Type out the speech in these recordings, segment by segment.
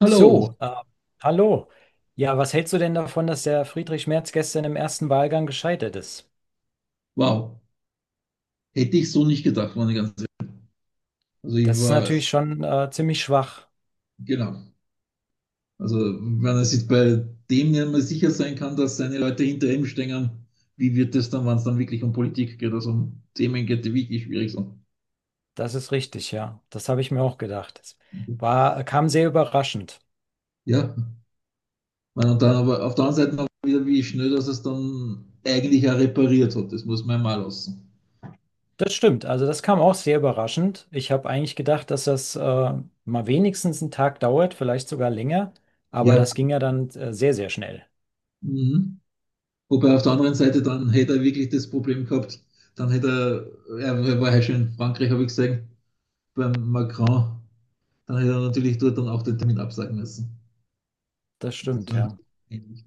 Hallo, So, äh, Hallo. Ja, was hältst du denn davon, dass der Friedrich Merz gestern im ersten Wahlgang gescheitert ist? wow. Hätte ich so nicht gedacht, meine ganze. Also ich Das ist war, natürlich schon ziemlich schwach. genau. Also wenn er sich bei dem nicht mehr sicher sein kann, dass seine Leute hinter ihm stehen, wie wird es dann, wenn es dann wirklich um Politik geht, also um Themen geht, die wirklich schwierig sind. Das ist richtig, ja. Das habe ich mir auch gedacht. Das war, kam sehr überraschend. Ja, meine, und dann aber auf der anderen Seite auch wieder, wie schnell, dass es dann eigentlich auch repariert hat. Das muss man ja mal lassen. Das stimmt, also das kam auch sehr überraschend. Ich habe eigentlich gedacht, dass das mal wenigstens einen Tag dauert, vielleicht sogar länger, aber Ja, das ging ja dann sehr, sehr schnell. mhm. Wobei auf der anderen Seite, dann hätte er wirklich das Problem gehabt, dann hätte er war ja schon in Frankreich, habe ich gesehen, beim Macron, dann hätte er natürlich dort dann auch den Termin absagen müssen. Das Das stimmt, war ja. ähnlich.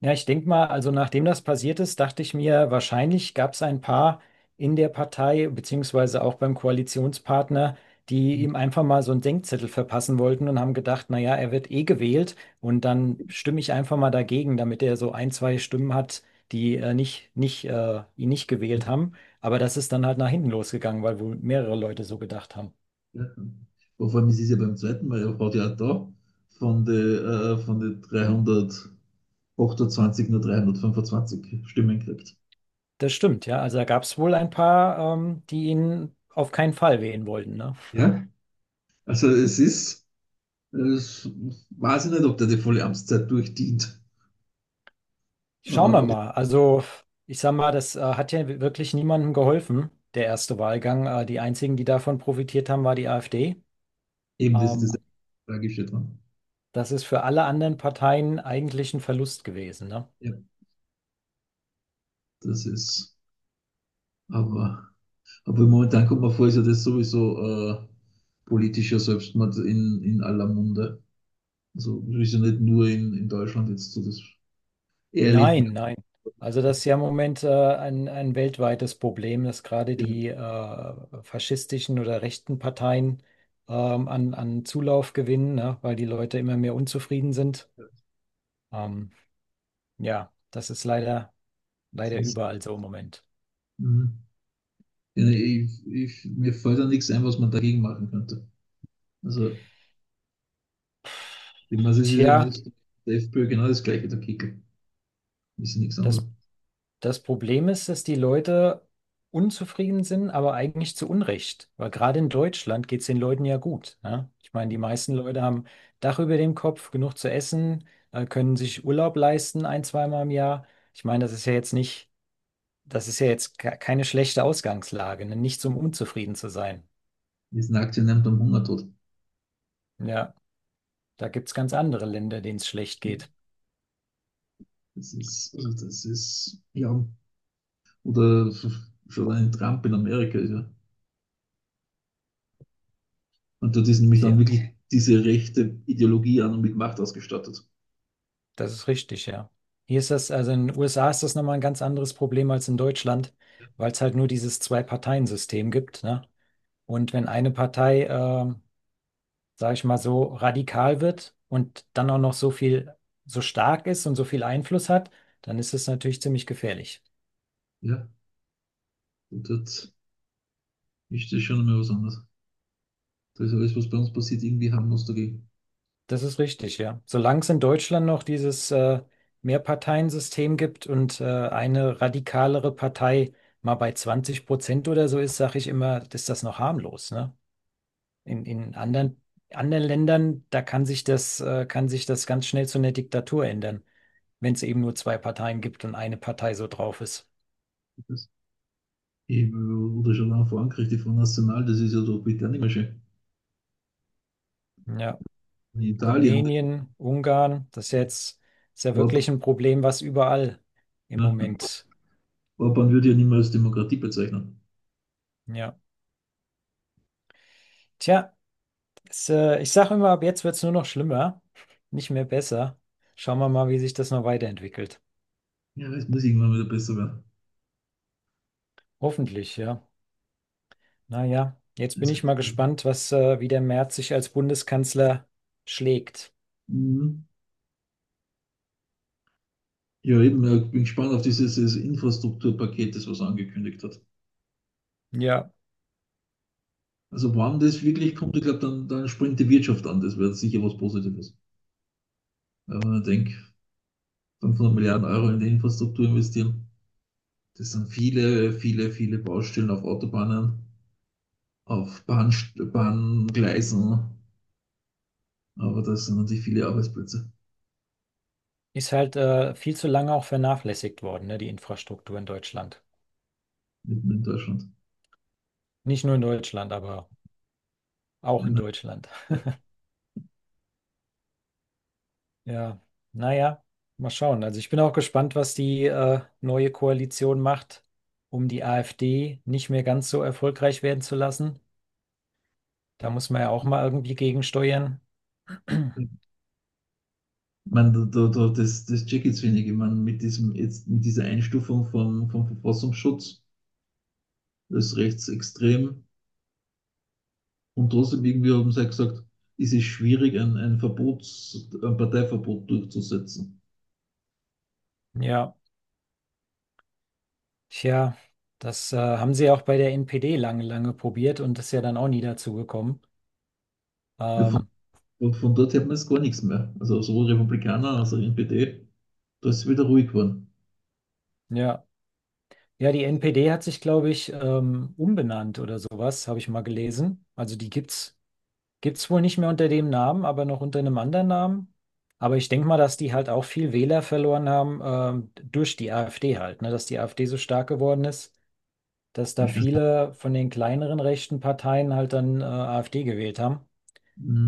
Ja, ich denke mal, also nachdem das passiert ist, dachte ich mir, wahrscheinlich gab es ein paar in der Partei, beziehungsweise auch beim Koalitionspartner, die Ja, ihm einfach mal so einen Denkzettel verpassen wollten und haben gedacht, naja, er wird eh gewählt und dann stimme ich einfach mal dagegen, damit er so ein, zwei Stimmen hat, die nicht ihn nicht gewählt haben. Aber das ist dann halt nach hinten losgegangen, weil wohl mehrere Leute so gedacht haben. vor allem, es ist es ja beim zweiten Mal, er hat ja auch da von den 328 nur 325 Stimmen gekriegt. Das stimmt, ja. Also da gab es wohl ein paar, die ihn auf keinen Fall wählen wollten, ne? Ja, also es ist, es weiß ich nicht, ob der die volle Amtszeit durchdient. Schauen wir Äh, mal. Also, ich sag mal, das hat ja wirklich niemandem geholfen, der erste Wahlgang. Die einzigen, die davon profitiert haben, war die AfD. eben, das ist das Ähm, Tragische dran. Das ist für alle anderen Parteien eigentlich ein Verlust gewesen, ne? Ja, das ist, aber Aber momentan kommt mir vor, ist ja das sowieso äh, politischer Selbstmord in aller Munde. Also das ist ja nicht nur in Deutschland jetzt so, das erlebt man. Nein, nein. Also, das ist ja im Moment ein weltweites Problem, dass gerade Ja. die faschistischen oder rechten Parteien an Zulauf gewinnen, ne? Weil die Leute immer mehr unzufrieden sind. Ähm, ja, das ist leider, Das leider ist, überall so im Moment. mhm. Ja, ne, ich, mir fällt da nichts ein, was man dagegen machen könnte. Also, ich meine, es ist ja in Tja. Österreich, der FPÖ genau das gleiche, der Kickel. Ist ja nichts anderes. Das, das Problem ist, dass die Leute unzufrieden sind, aber eigentlich zu Unrecht. Weil gerade in Deutschland geht es den Leuten ja gut. Ne? Ich meine, die meisten Leute haben Dach über dem Kopf, genug zu essen, können sich Urlaub leisten, ein, zweimal im Jahr. Ich meine, das ist ja jetzt nicht, das ist ja jetzt keine schlechte Ausgangslage, ne? Nichts, um unzufrieden zu sein. Die sind Aktionären am Hungertod. Ja, da gibt es ganz andere Länder, denen es schlecht Ja. geht. Das ist, also das ist, ja, oder schon ein Trump in Amerika ist ja. Und dort ist nämlich dann Tja. wirklich diese rechte Ideologie an und mit Macht ausgestattet. Das ist richtig, ja. Hier ist das, also in den USA ist das nochmal ein ganz anderes Problem als in Deutschland, weil es halt nur dieses Zwei-Parteien-System gibt, ne? Und wenn eine Partei, sage ich mal, so radikal wird und dann auch noch so viel, so stark ist und so viel Einfluss hat, dann ist es natürlich ziemlich gefährlich. Ja, und dort ist das schon einmal was anderes. Da ist alles, was bei uns passiert, irgendwie harmlos dagegen. Das ist richtig, ja. Solange es in Deutschland noch dieses Mehrparteiensystem gibt und eine radikalere Partei mal bei 20% oder so ist, sage ich immer, ist das noch harmlos, ne? In anderen, anderen Ländern, da kann sich das ganz schnell zu einer Diktatur ändern, wenn es eben nur zwei Parteien gibt und eine Partei so drauf ist. Das eben, oder schon auch vor Angriff von National, das ist ja doch bitte auch nicht mehr schön. Ja, In Italien, Rumänien, Ungarn, das ist ja jetzt ist ja Orban, wirklich ein Problem, was überall im ja, Moment. Orban würde ja nicht mehr als Demokratie bezeichnen. Ja, tja, es, ich sage immer, ab jetzt wird es nur noch schlimmer, nicht mehr besser. Schauen wir mal, wie sich das noch weiterentwickelt. Ja, es muss irgendwann wieder besser werden. Hoffentlich, ja. Naja, jetzt bin Das ich mal gespannt, was, wie der Merz sich als Bundeskanzler schlägt. mhm. Ja, eben, ich bin gespannt auf dieses Infrastrukturpaket, das was angekündigt hat. Ja, Also wann das wirklich kommt, ich glaube, dann, dann springt die Wirtschaft an. Das wäre sicher was Positives. Ja, wenn man denkt, 500 Milliarden Euro in die Infrastruktur investieren, das sind viele, viele, viele Baustellen auf Autobahnen, auf Bahn, Bahngleisen, aber das sind natürlich viele Arbeitsplätze ist halt viel zu lange auch vernachlässigt worden, ne, die Infrastruktur in Deutschland. mitten in Deutschland. Nicht nur in Deutschland, aber Ja, auch in ne? Deutschland. Ja, naja, mal schauen. Also ich bin auch gespannt, was die neue Koalition macht, um die AfD nicht mehr ganz so erfolgreich werden zu lassen. Da muss man ja auch mal irgendwie gegensteuern. Ich meine, da, das check jetzt wenig. Ich meine, mit, diesem, jetzt, mit dieser Einstufung vom Verfassungsschutz als rechtsextrem. Und trotzdem irgendwie haben sie ja gesagt, es ist schwierig, ein Verbots, ein Parteiverbot durchzusetzen. Ja, tja, das haben sie ja auch bei der NPD lange, lange probiert und ist ja dann auch nie dazu gekommen. Ja, Ähm, von dort hört man jetzt gar nichts mehr. Also sowohl Republikaner als auch NPD, da ist es wieder ruhig geworden. ja. Ja, die NPD hat sich, glaube ich, umbenannt oder sowas, habe ich mal gelesen. Also die gibt's, gibt's wohl nicht mehr unter dem Namen, aber noch unter einem anderen Namen. Aber ich denke mal, dass die halt auch viel Wähler verloren haben, durch die AfD halt, ne? Dass die AfD so stark geworden ist, dass Ich da weiß nicht, viele von den kleineren rechten Parteien halt dann, AfD gewählt haben.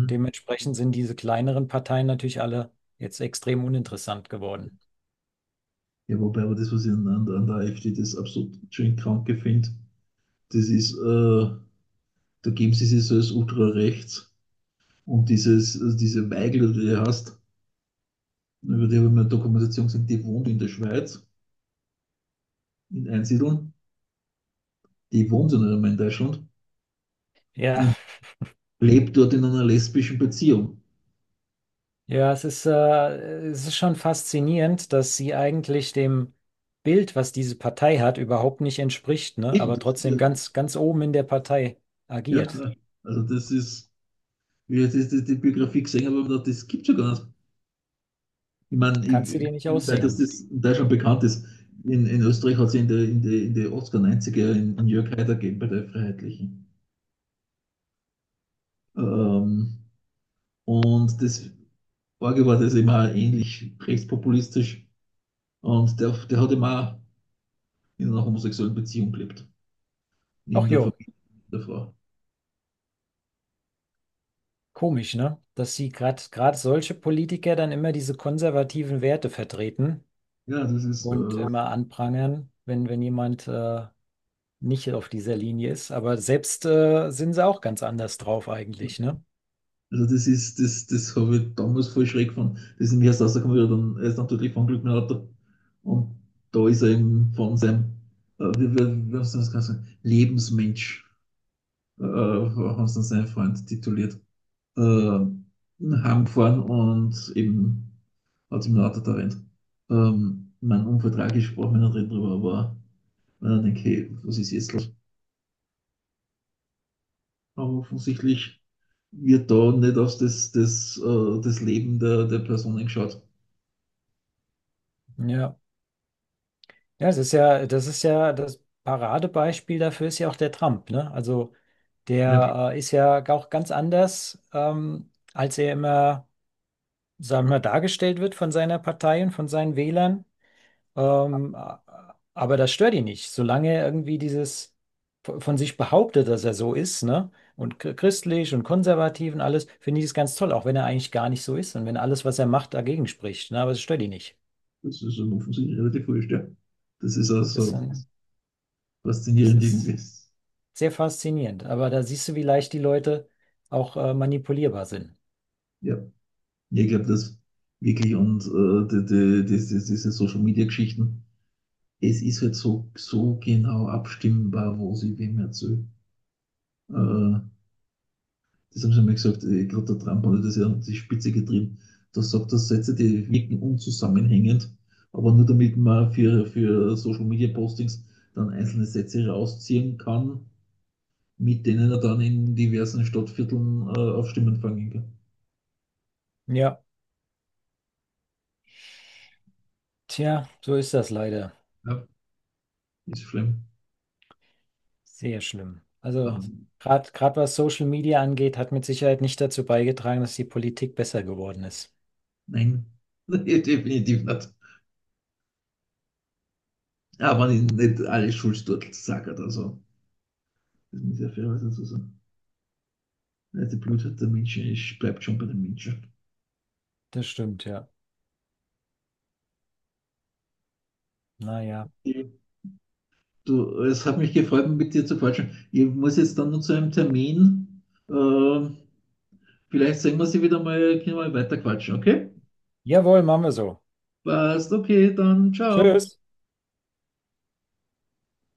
Und dementsprechend sind diese kleineren Parteien natürlich alle jetzt extrem uninteressant geworden. Ja, wobei aber das, was ich an der AfD das absolut schön kranke finde, das ist, da geben sie sich so als ultrarechts und dieses, also diese Weigel, die du hast, über die habe ich mir eine Dokumentation gesehen, die wohnt in der Schweiz, in Einsiedeln, die wohnt ja nicht einmal in Deutschland. Ja, Und lebt dort in einer lesbischen Beziehung. ja, es ist schon faszinierend, dass sie eigentlich dem Bild, was diese Partei hat, überhaupt nicht entspricht, ne? Eben, Aber das ist ja, trotzdem ganz, ganz oben in der Partei ja, agiert. also das ist, wie jetzt ist das die Biografie gesehen habe, aber das gibt es ja gar nicht. Ich meine, Kannst du ich, dir nicht wie das, ausdenken. das in Deutschland bekannt ist. In Österreich hat es in den in die 80er, in Jörg Haider gegeben bei der Freiheitlichen. Ähm, und das Orge war das immer ähnlich rechtspopulistisch. Und der hat immer in einer homosexuellen Beziehung gelebt, neben Ach der jo, Familie der Frau. komisch, ne? Dass sie gerade gerade solche Politiker dann immer diese konservativen Werte vertreten Ja, das ist. Und immer anprangern, wenn, wenn jemand nicht auf dieser Linie ist. Aber selbst sind sie auch ganz anders drauf eigentlich, ne? Also das ist, das, das habe ich damals voll schräg gefunden. Das ist nämlich erst rausgekommen, wie er dann, er ist natürlich von Glück mit dem Auto. Und da ist er eben von seinem, wie haben sie das Ganze sagen, Lebensmensch, haben sie dann seinen Freund tituliert, äh, heimgefahren und eben hat ihm ein Auto erwähnt. Mein Unfall tragisch, brauchen wir nicht reden drüber, aber wenn ich denke, hey, was ist jetzt los? Aber offensichtlich wird da nicht auf das, das Leben der Personen geschaut. Ja. Ja, es ist ja das Paradebeispiel dafür ist ja auch der Trump, ne? Also Ja. der ist ja auch ganz anders, als er immer, sagen wir, mal, dargestellt wird von seiner Partei und von seinen Wählern. Ähm, a- aber das stört ihn nicht, solange er irgendwie dieses von sich behauptet, dass er so ist, ne? Und christlich und konservativ und alles, finde ich es ganz toll, auch wenn er eigentlich gar nicht so ist und wenn alles, was er macht, dagegen spricht, ne? Aber es stört ihn nicht. Das ist schon offensichtlich relativ wurscht, ja. Das ist auch Das, so ähm, das faszinierend ist. irgendwie. Sehr faszinierend. Aber da siehst du, wie leicht die Leute auch manipulierbar sind. Ja, ja, ich glaube, das wirklich und diese Social Media Geschichten, es ist halt so, so genau abstimmbar, was ich wem erzähle. Äh, das haben sie mal gesagt, ich glaube, der Trump hat das ja an die Spitze getrieben. Da sagt er Sätze, die wirken unzusammenhängend, aber nur damit man für Social Media Postings dann einzelne Sätze rausziehen kann, mit denen er dann in diversen Stadtvierteln auf Stimmen fangen kann. Ja, tja, so ist das leider. Ja. Ist schlimm. Sehr schlimm. Also Aber gerade gerade was Social Media angeht, hat mit Sicherheit nicht dazu beigetragen, dass die Politik besser geworden ist. nein, definitiv nicht. Aber nicht, alle Schulsturtel sagt, also das muss ich ja fairerweise so sagen. Also die Blutheit der Menschen ist, bleibt schon bei den Menschen. Das stimmt, ja. Naja. Du, es hat mich gefreut, mit dir zu quatschen. Ich muss jetzt dann nur zu einem Termin. Äh, Vielleicht sehen wir sie wieder mal, können wir mal weiter quatschen, okay? Jawohl, machen wir so. Passt, okay, dann ciao. Tschüss.